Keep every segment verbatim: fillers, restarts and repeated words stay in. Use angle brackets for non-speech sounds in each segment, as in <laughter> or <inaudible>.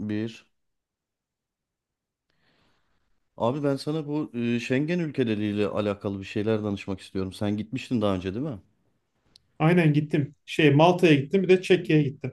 Bir. Abi ben sana bu e, Schengen ülkeleriyle alakalı bir şeyler danışmak istiyorum. Sen gitmiştin daha önce değil mi? Aynen gittim. Şey Malta'ya gittim bir de Çekya'ya gittim.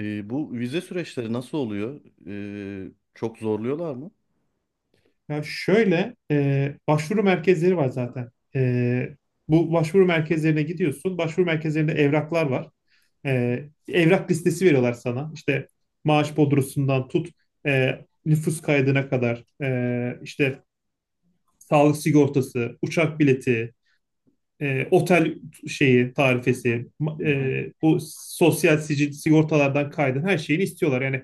E, bu vize süreçleri nasıl oluyor? E, çok zorluyorlar mı? Ya şöyle e, başvuru merkezleri var zaten. E, Bu başvuru merkezlerine gidiyorsun. Başvuru merkezlerinde evraklar var. E, evrak listesi veriyorlar sana. İşte maaş bordrosundan tut e, nüfus kaydına kadar, e, işte sağlık sigortası, uçak bileti, e, otel şeyi tarifesi, ma- Hı hı. e, bu sosyal sicil sigortalardan kaydın her şeyini istiyorlar. Yani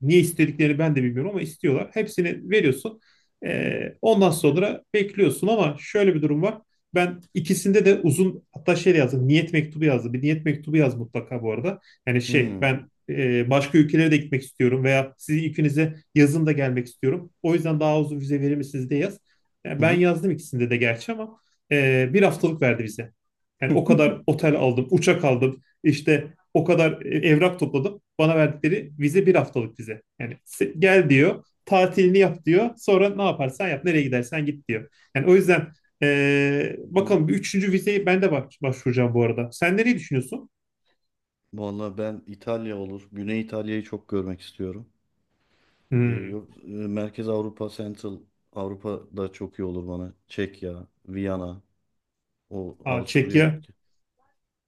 niye istediklerini ben de bilmiyorum ama istiyorlar. Hepsini veriyorsun. Ee, ondan sonra bekliyorsun ama şöyle bir durum var. Ben ikisinde de uzun, hatta şey yazdım. Niyet mektubu yazdım. Bir niyet mektubu yaz mutlaka bu arada. Yani şey Hmm. ben, e, başka ülkelere de gitmek istiyorum veya sizin ikinize yazın da gelmek istiyorum. O yüzden daha uzun vize verir misiniz diye yaz. Yani Hı ben hı. yazdım ikisinde de gerçi ama e, bir haftalık verdi bize. Yani o kadar <laughs> otel aldım, uçak aldım, işte o kadar e, evrak topladım. Bana verdikleri vize bir haftalık vize. Yani gel diyor, tatilini yap diyor. Sonra ne yaparsan yap, nereye gidersen git diyor. Yani o yüzden, eee, Hı hı. bakalım, bir üçüncü vizeyi ben de baş- başvuracağım bu arada. Sen nereyi düşünüyorsun? Vallahi ben İtalya olur. Güney İtalya'yı çok görmek istiyorum. E, Hmm. yok, e, Merkez Avrupa, Central Avrupa da çok iyi olur bana. Çekya, Viyana, o Aa, Avusturya. Çekya.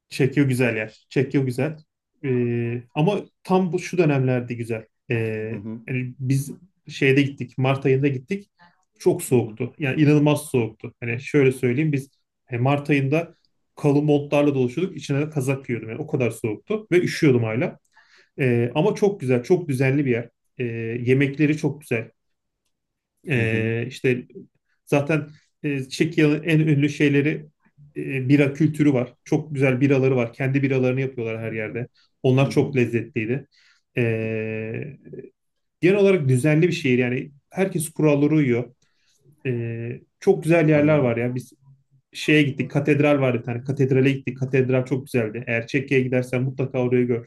Çekya güzel yer. Çekya güzel. Ee, ama tam bu şu dönemlerde güzel. Ee, Hı hı. Yani biz şeyde gittik. Mart ayında gittik. Çok Hı hı. soğuktu. Yani inanılmaz soğuktu. Hani şöyle söyleyeyim, biz e, Mart ayında kalın montlarla dolaşıyorduk. İçine de kazak giyiyordum. Yani o kadar soğuktu ve üşüyordum hala. Ee, ama çok güzel, çok düzenli bir yer. Ee, Yemekleri çok güzel. Hı hı. E, işte zaten e, Çekya'nın en ünlü şeyleri, e, bira kültürü var. Çok güzel biraları var. Kendi biralarını yapıyorlar her yerde. Hı Onlar hı. çok lezzetliydi. E, Genel olarak düzenli bir şehir. Yani herkes kurallara uyuyor. E, çok güzel yerler Anladım. var ya. Biz şeye gittik. Katedral vardı bir tane. Katedrale gittik. Katedral çok güzeldi. Eğer Çekya'ya gidersen mutlaka orayı gör.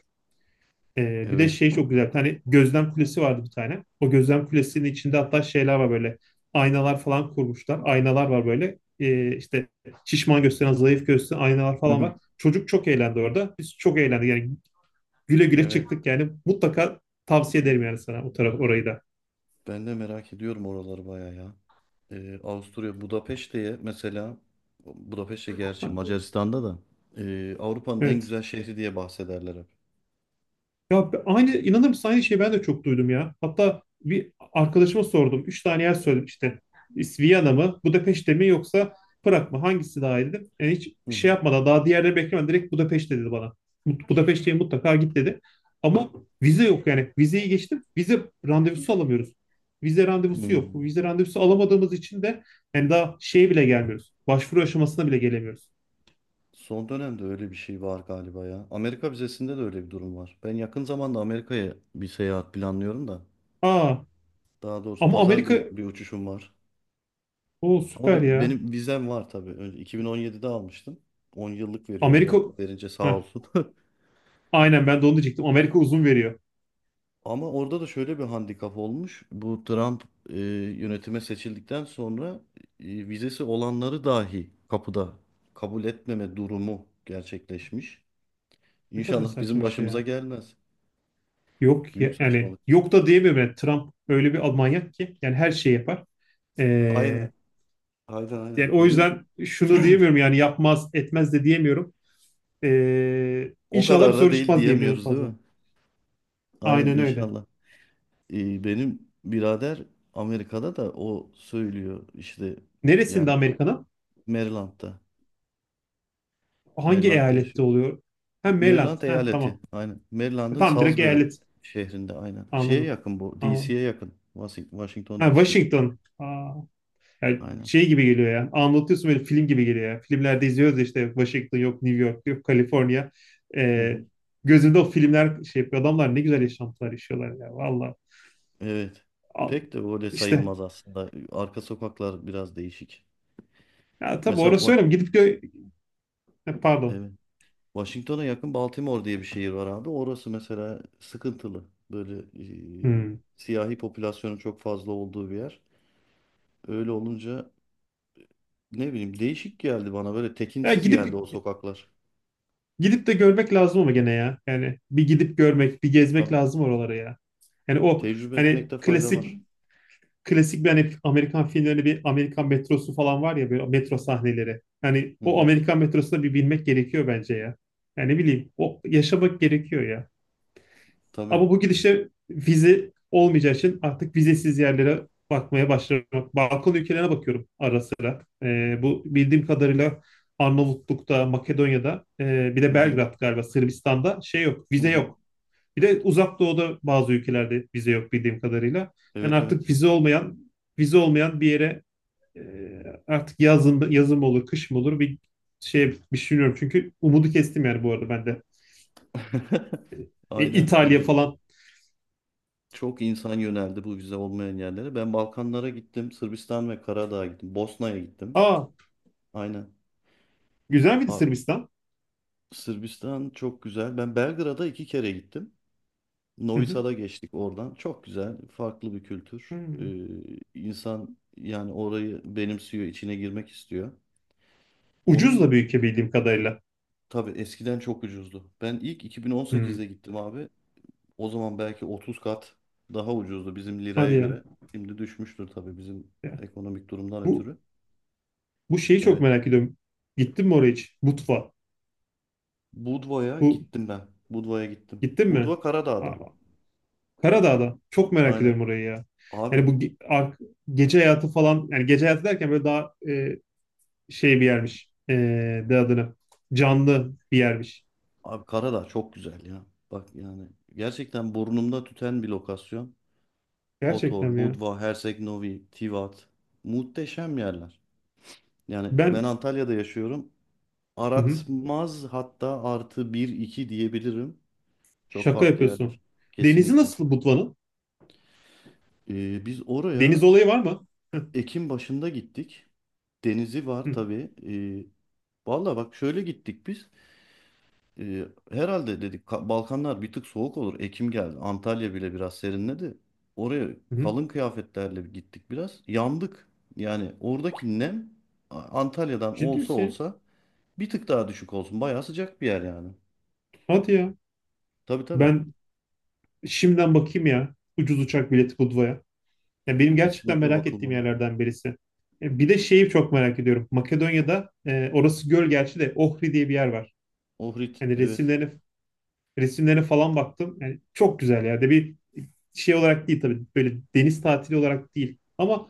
Ee, bir de Evet. şey çok güzel. Bir tane gözlem kulesi vardı bir tane. O gözlem kulesinin içinde hatta şeyler var böyle. Aynalar falan kurmuşlar. Aynalar var böyle. Ee, işte şişman gösteren, zayıf gösteren aynalar Hı falan hı. var. Çocuk çok eğlendi orada. Biz çok eğlendik. Yani güle güle Evet. çıktık yani. Mutlaka tavsiye ederim yani sana o taraf orayı da. Ben de merak ediyorum oraları bayağı ya. Ee, Avusturya Budapeşte'ye mesela, Budapeşte gerçi Macaristan'da da, ee, Avrupa'nın en Evet. güzel şehri diye bahsederler hep. Ya be- aynı, inanır mısın, aynı şeyi ben de çok duydum ya. Hatta bir arkadaşıma sordum. Üç tane yer söyledim işte. İs- Viyana mı, Budapeşte mi, yoksa Prag mı? Hangisi daha iyi dedim. Yani hiç Hı şey hı. yapmadan, daha diğerleri beklemeden direkt Budapeşte dedi bana. Mut- Budapeşte'ye mutlaka git dedi. Ama vize yok yani. Vizeyi geçtim. Vize randevusu alamıyoruz. Vize randevusu yok. Bu Hmm. vize randevusu alamadığımız için de yani daha şeye bile gelmiyoruz. Başvuru aşamasına bile gelemiyoruz. Son dönemde öyle bir şey var galiba ya. Amerika vizesinde de öyle bir durum var. Ben yakın zamanda Amerika'ya bir seyahat planlıyorum da. Aa, Daha doğrusu ama pazar Amerika, gün bir uçuşum var. o Ama süper be- ya. benim vizem var tabii. Önce iki bin on yedide almıştım. on yıllık veriyor Amerika. Amerika verince sağ Heh. olsun. <laughs> Aynen, ben de onu diyecektim. Amerika uzun veriyor. Ama orada da şöyle bir handikap olmuş. Bu Trump e, yönetime seçildikten sonra e, vizesi olanları dahi kapıda kabul etmeme durumu gerçekleşmiş. Ne kadar İnşallah saçma bizim bir şey başımıza ya. gelmez. Yok Büyük ya, yani saçmalık. yok da diyemiyorum. Yani Trump öyle bir manyak ki yani her şeyi yapar. Ee, Aynen, aynen, aynen. Yani o Benim yüzden şunu diyemiyorum yani yapmaz etmez de diyemiyorum. Ee, o inşallah bir kadar da soru değil çıkmaz diyebilirim en diyemiyoruz değil fazla. mi? Aynen Aynen öyle. inşallah. E, benim birader Amerika'da da o söylüyor işte Neresinde yani Amerika'nın? Maryland'da. Hangi Maryland'da eyalette yaşıyor. oluyor? Ha, Maryland. Maryland Ha, eyaleti. tamam. Aynen. E, Maryland'ın tamam, direkt Salisbury eyalet. şehrinde aynen. Şeye Anladım. yakın bu. Anladım. D C'ye yakın. Washing- Washington Ha, D C'ye. Washington. Aa, yani Aynen. şey gibi geliyor ya. Anlatıyorsun, böyle film gibi geliyor ya. Filmlerde izliyoruz ya işte, Washington yok, New York yok, Kaliforniya. Hı E, hı. Gözümde o filmler şey yapıyor. Adamlar ne güzel yaşantılar yaşıyorlar ya. Valla. Evet. Al- Pek de öyle İşte. sayılmaz aslında. Arka sokaklar biraz değişik. Ya tabii, Mesela, orası Wa- öyle mi? Gidip gö- Ha, pardon. evet. Washington'a yakın Baltimore diye bir şehir var abi. Orası mesela sıkıntılı. Böyle e, Hmm. siyahi popülasyonun çok fazla olduğu bir yer. Öyle olunca ne bileyim değişik geldi bana. Böyle Ya tekinsiz gidip geldi o sokaklar. Gidip de görmek lazım ama gene ya. Yani bir gidip görmek, bir gezmek Tabii. lazım oralara ya. Yani o Tecrübe hani etmekte fayda klasik, var. klasik bir, hani Amerikan filmlerinde bir Amerikan metrosu falan var ya, böyle metro sahneleri. Hani Hı o hı. Amerikan metrosuna bir binmek gerekiyor bence ya. Yani ne bileyim, o yaşamak gerekiyor ya. Tabii. Ama bu gidişle vize olmayacağı için artık vizesiz yerlere bakmaya başlamak. Balkan ülkelerine bakıyorum ara sıra. Ee, bu bildiğim kadarıyla Arnavutluk'ta, Makedonya'da, e, bir Hı de hı. Belgrad, galiba Sırbistan'da, şey yok, Hı vize hı. yok. Bir de Uzak Doğu'da bazı ülkelerde vize yok bildiğim kadarıyla. Yani Evet artık evet. vize olmayan, vize olmayan bir yere, e, artık yazın, yazın mı olur, kış mı olur, bir şey bir şey bilmiyorum. Çünkü umudu kestim yani bu arada ben de. <laughs> E, Aynen. İtalya Ee, falan. çok insan yöneldi bu vize olmayan yerlere. Ben Balkanlara gittim. Sırbistan ve Karadağ'a gittim. Bosna'ya gittim. Aa, Aynen. güzel miydi Aa, Sırbistan? Sırbistan çok güzel. Ben Belgrad'a iki kere gittim. Hı Novi hı. Sad'a geçtik oradan. Çok güzel. Farklı bir kültür. Hmm. Ee, insan yani orayı benimsiyor, içine girmek istiyor. Ucuz Onun da bir ülke bildiğim kadarıyla. tabii eskiden çok ucuzdu. Ben ilk Hmm. iki bin on sekizde gittim abi. O zaman belki otuz kat daha ucuzdu bizim liraya Hadi ya. göre. Şimdi düşmüştür tabii bizim Ya. ekonomik durumdan Bu ötürü. Bu şeyi çok Evet. merak ediyorum. Gittin mi oraya hiç? Butva. Budva'ya Bu, gittim ben. Budva'ya gittim. gittin mi? Budva Karadağ'da. Aa, Karadağ'da. Çok merak Aynen. ediyorum orayı ya. Yani bu Abi, ge- ar- gece hayatı falan, yani gece hayatı derken böyle daha, e, şey bir yermiş. E, de adını. Canlı bir yermiş. abi Karadağ çok güzel ya. Bak yani gerçekten burnumda tüten bir lokasyon. Gerçekten Kotor, mi ya? Budva, Herceg-Novi, Tivat. Muhteşem yerler. Yani ben Ben, Antalya'da yaşıyorum. hı hı. Aratmaz hatta artı bir iki diyebilirim. Çok Şaka farklı yerler. yapıyorsun. Denizi Kesinlikle. nasıl Butva'nın? Ee, biz Deniz oraya olayı var mı? Hı Ekim başında gittik. Denizi var hı. tabii. Ee, valla bak şöyle gittik biz. Ee, herhalde dedik, Ka- Balkanlar bir tık soğuk olur. Ekim geldi. Antalya bile biraz serinledi. Oraya Hı hı. kalın kıyafetlerle gittik biraz. Yandık. Yani oradaki nem A- Antalya'dan Ciddi olsa misin ya? olsa bir tık daha düşük olsun. Bayağı sıcak bir yer yani. Hadi ya. Tabii tabii. Ben Şimdiden bakayım ya. Ucuz uçak bileti Budva'ya. Ya benim gerçekten Kesinlikle merak ettiğim bakılmalı. yerlerden birisi. E, bir de şeyi çok merak ediyorum. Makedonya'da, e, orası göl gerçi de, Ohri diye bir yer var. Ohrid Yani evet. resimlerine, resimlerine falan baktım. Yani çok güzel ya. De bir şey olarak değil tabii. Böyle deniz tatili olarak değil. Ama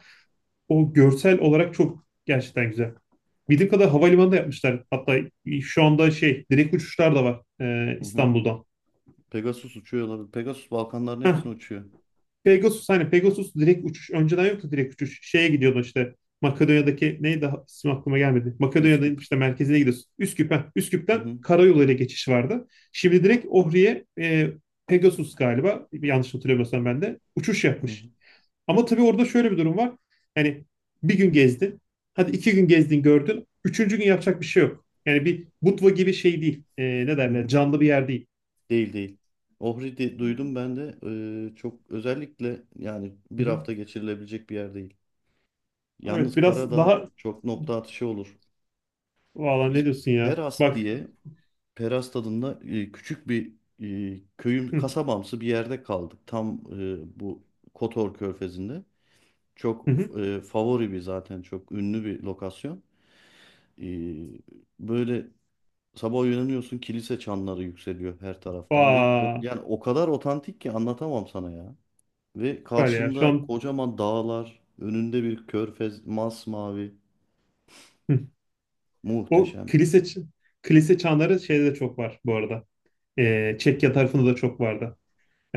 o görsel olarak çok gerçekten güzel. Bildiğim kadar havalimanı da yapmışlar. Hatta şu anda şey direkt uçuşlar da var, e, Hı hı. İstanbul'dan. Pegasus uçuyor olabilir. Pegasus Balkanların hepsini uçuyor. Pegasus, hani Pegasus direkt uçuş önceden yoktu, direkt uçuş. Şeye gidiyordu işte, Makedonya'daki neydi, ha- ismi aklıma gelmedi. Makedonya'nın Üsküp. işte merkezine gidiyorsun. Üsküp, ha. Üsküp'ten karayoluyla geçiş vardı. Şimdi direkt Ohri'ye e, Pegasus galiba, yanlış hatırlamıyorsam ben de, uçuş Hı hı, yapmış. Ama tabii orada şöyle bir durum var. Yani bir gün gezdin. Hadi, iki gün gezdin gördün. Üçüncü gün yapacak bir şey yok. Yani bir Budva gibi şey değil. E, ne hı hı. derler, canlı bir yer değil. Değil değil. Ohri de- duydum ben de. Ee, çok özellikle yani Hı bir hı. hafta geçirilebilecek bir yer değil. Evet, Yalnız biraz Karadağ daha, çok nokta atışı olur. valla ne Biz diyorsun ya. Peras Bak, diye Peras tadında e, küçük bir e, köyün hı. kasabamsı bir yerde kaldık. Tam e, bu Kotor Körfezi'nde. Çok Hı hı. e, favori bir zaten çok ünlü bir lokasyon. E, böyle sabah uyanıyorsun, kilise çanları yükseliyor her taraftan ve o- Vaa, yani o kadar otantik ki anlatamam sana ya. Ve süper ya. Şu karşında an, kocaman dağlar, önünde bir körfez masmavi, hı. O muhteşem. kilise ç- kilise çanları şeyde de çok var bu arada. Ee, Çekya tarafında da çok vardı.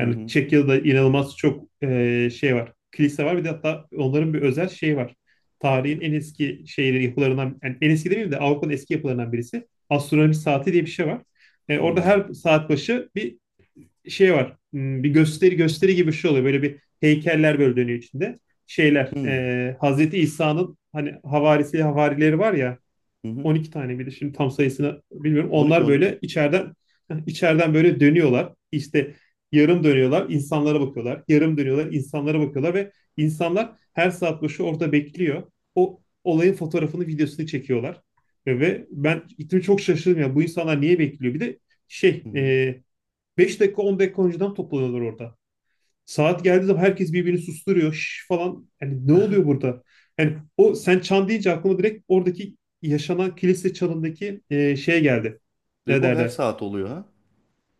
Hı hı. Çekya'da inanılmaz çok e, şey var. Kilise var, bir de hatta onların bir özel şeyi var. Tarihin en eski şeyleri, yapılarından, yani en eski demeyeyim de Avrupa'nın eski yapılarından birisi. Astronomi saati diye bir şey var. E, orada Hı her saat başı bir şey var. hmm, Bir gösteri, gösteri gibi bir şey oluyor. Böyle bir heykeller böyle dönüyor içinde. Şeyler, hı. e, Hazreti İsa'nın hani havarisi havarileri var ya, Hı hı. on iki tane, bir de şimdi tam sayısını bilmiyorum. on iki Onlar on iki. böyle içeriden <laughs> içeriden böyle dönüyorlar. İşte yarım dönüyorlar, insanlara bakıyorlar. Yarım dönüyorlar, insanlara bakıyorlar ve insanlar her saat başı orada bekliyor. O olayın fotoğrafını, videosunu çekiyorlar. Ve ve ben gittim, çok şaşırdım ya. Bu insanlar niye bekliyor? Bir de şey Hı hı. e, beş dakika, on dakika önceden toplanıyorlar orada. Saat geldiği zaman herkes birbirini susturuyor, şş falan. Yani ne oluyor <laughs> burada? Yani o, sen çan deyince aklıma direkt oradaki yaşanan kilise çanındaki e, şey geldi. Ve Ne bu her derler? saat oluyor ha.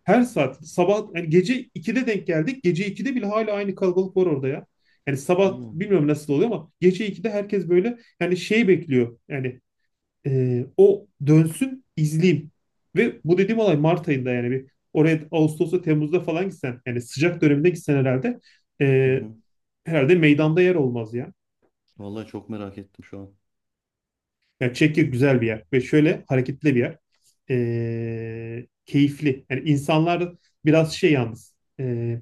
Her saat, sabah yani, gece ikide denk geldik. Gece ikide bile hala aynı kalabalık var orada ya. Yani sabah Allah'ım. bilmiyorum nasıl oluyor ama gece ikide herkes böyle yani şey bekliyor. Yani ee, o dönsün izleyeyim. Ve bu dediğim olay Mart ayında, yani bir oraya Ağustos'ta, Temmuz'da falan gitsen, yani sıcak döneminde gitsen herhalde Hı ee, hı. herhalde meydanda yer olmaz ya. Vallahi çok merak ettim şu an. Yani Çekya güzel bir yer ve şöyle hareketli bir yer. Ee, keyifli. Yani insanlar biraz şey yalnız. ee,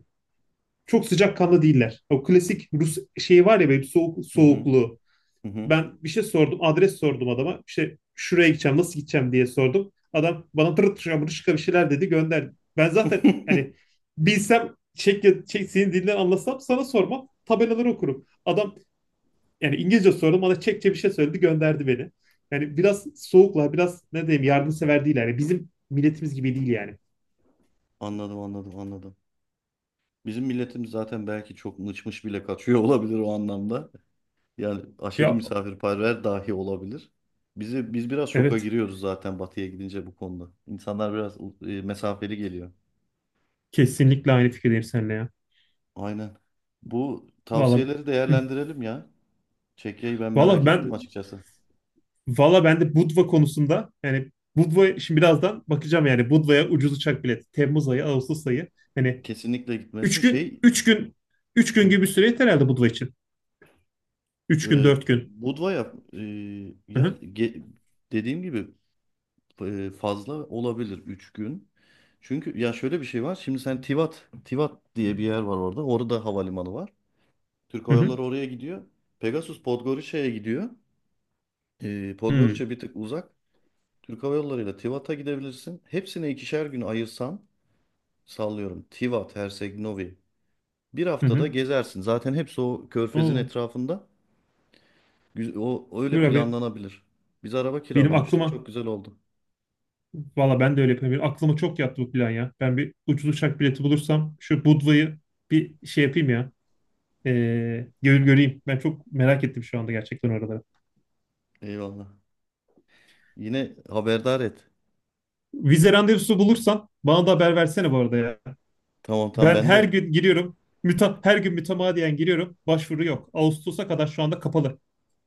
Çok sıcakkanlı değiller. O klasik Rus şeyi var ya, böyle soğuk, Hı hı. soğukluğu. Hı hı. Ben bir şey sordum. Adres sordum adama. İşte şuraya gideceğim, nasıl gideceğim diye sordum. Adam bana tırı tırı tırı bir şeyler dedi, gönderdi. Ben zaten hani <laughs> bilsem Çek, Çek senin dilinden anlasam sana sormam. Tabelaları okurum. Adam yani, İngilizce sordum, bana Çekçe bir şey söyledi, gönderdi beni. Yani biraz soğuklar, biraz ne diyeyim, yardımsever değil yani. Bizim milletimiz gibi değil yani. Anladım anladım anladım. Bizim milletimiz zaten belki çok mıçmış bile kaçıyor <laughs> olabilir o anlamda. Yani aşırı Ya misafirperver dahi olabilir. Bizi biz biraz şoka evet, giriyoruz zaten batıya gidince bu konuda. İnsanlar biraz e, mesafeli geliyor. kesinlikle aynı fikirdeyim seninle ya. Aynen. Bu Vallahi, tavsiyeleri hı. değerlendirelim ya. Çekya'yı ben merak Vallahi ettim ben açıkçası. valla ben de Budva konusunda, yani Budva, şimdi birazdan bakacağım yani, Budva'ya ucuz uçak bileti. Temmuz ayı, Ağustos ayı. Hani Kesinlikle gitmesin. üç gün, Şey. üç gün, üç gün gibi bir <laughs> süre yeter herhalde Budva için. Üç gün, e, dört gün. Budva'ya, e, Hı ya, hı. ge- dediğim gibi, e, fazla olabilir üç gün. Çünkü ya şöyle bir şey var. Şimdi sen Tivat Tivat diye bir yer var orada. Orada havalimanı var. Türk Hı Hava hı. Yolları oraya gidiyor. Pegasus Podgorica'ya gidiyor. Ee, Podgorica bir tık uzak. Türk Hava Yolları ile Tivat'a gidebilirsin. Hepsine ikişer gün ayırsan sallıyorum. Tivat, Herceg Novi. Bir Hı hı. haftada Hı. gezersin. Zaten hepsi o körfezin Oo. etrafında. Güz- O öyle Dur abi. planlanabilir. Biz araba Benim kiralamıştık. aklıma Çok güzel oldu. valla ben de öyle yapıyorum. Benim aklıma çok yattı bu plan ya. Ben bir ucuz uçak bileti bulursam şu Budva'yı bir şey yapayım ya. Ee, gör, göreyim. Ben çok merak ettim şu anda gerçekten oraları. Eyvallah. Yine haberdar et. Vize randevusu bulursan bana da haber versene bu arada ya. Tamam tamam Ben ben her de gün giriyorum. Müta, her gün mütemadiyen giriyorum. Başvuru yok. Ağustos'a kadar şu anda kapalı.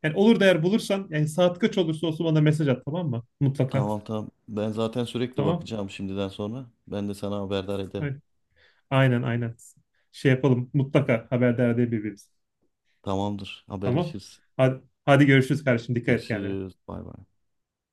Yani olur da eğer bulursan, yani saat kaç olursa olsun bana mesaj at, tamam mı? Mutlaka. tamam tamam. Ben zaten sürekli Tamam. bakacağım şimdiden sonra. Ben de sana haberdar ederim. Ay- Aynen, aynen. Şey yapalım. Mutlaka haberdar edelim birbirimizi. Tamamdır. Tamam. Haberleşiriz. Hadi, hadi görüşürüz kardeşim. Dikkat et kendine. Görüşürüz. Bay bay.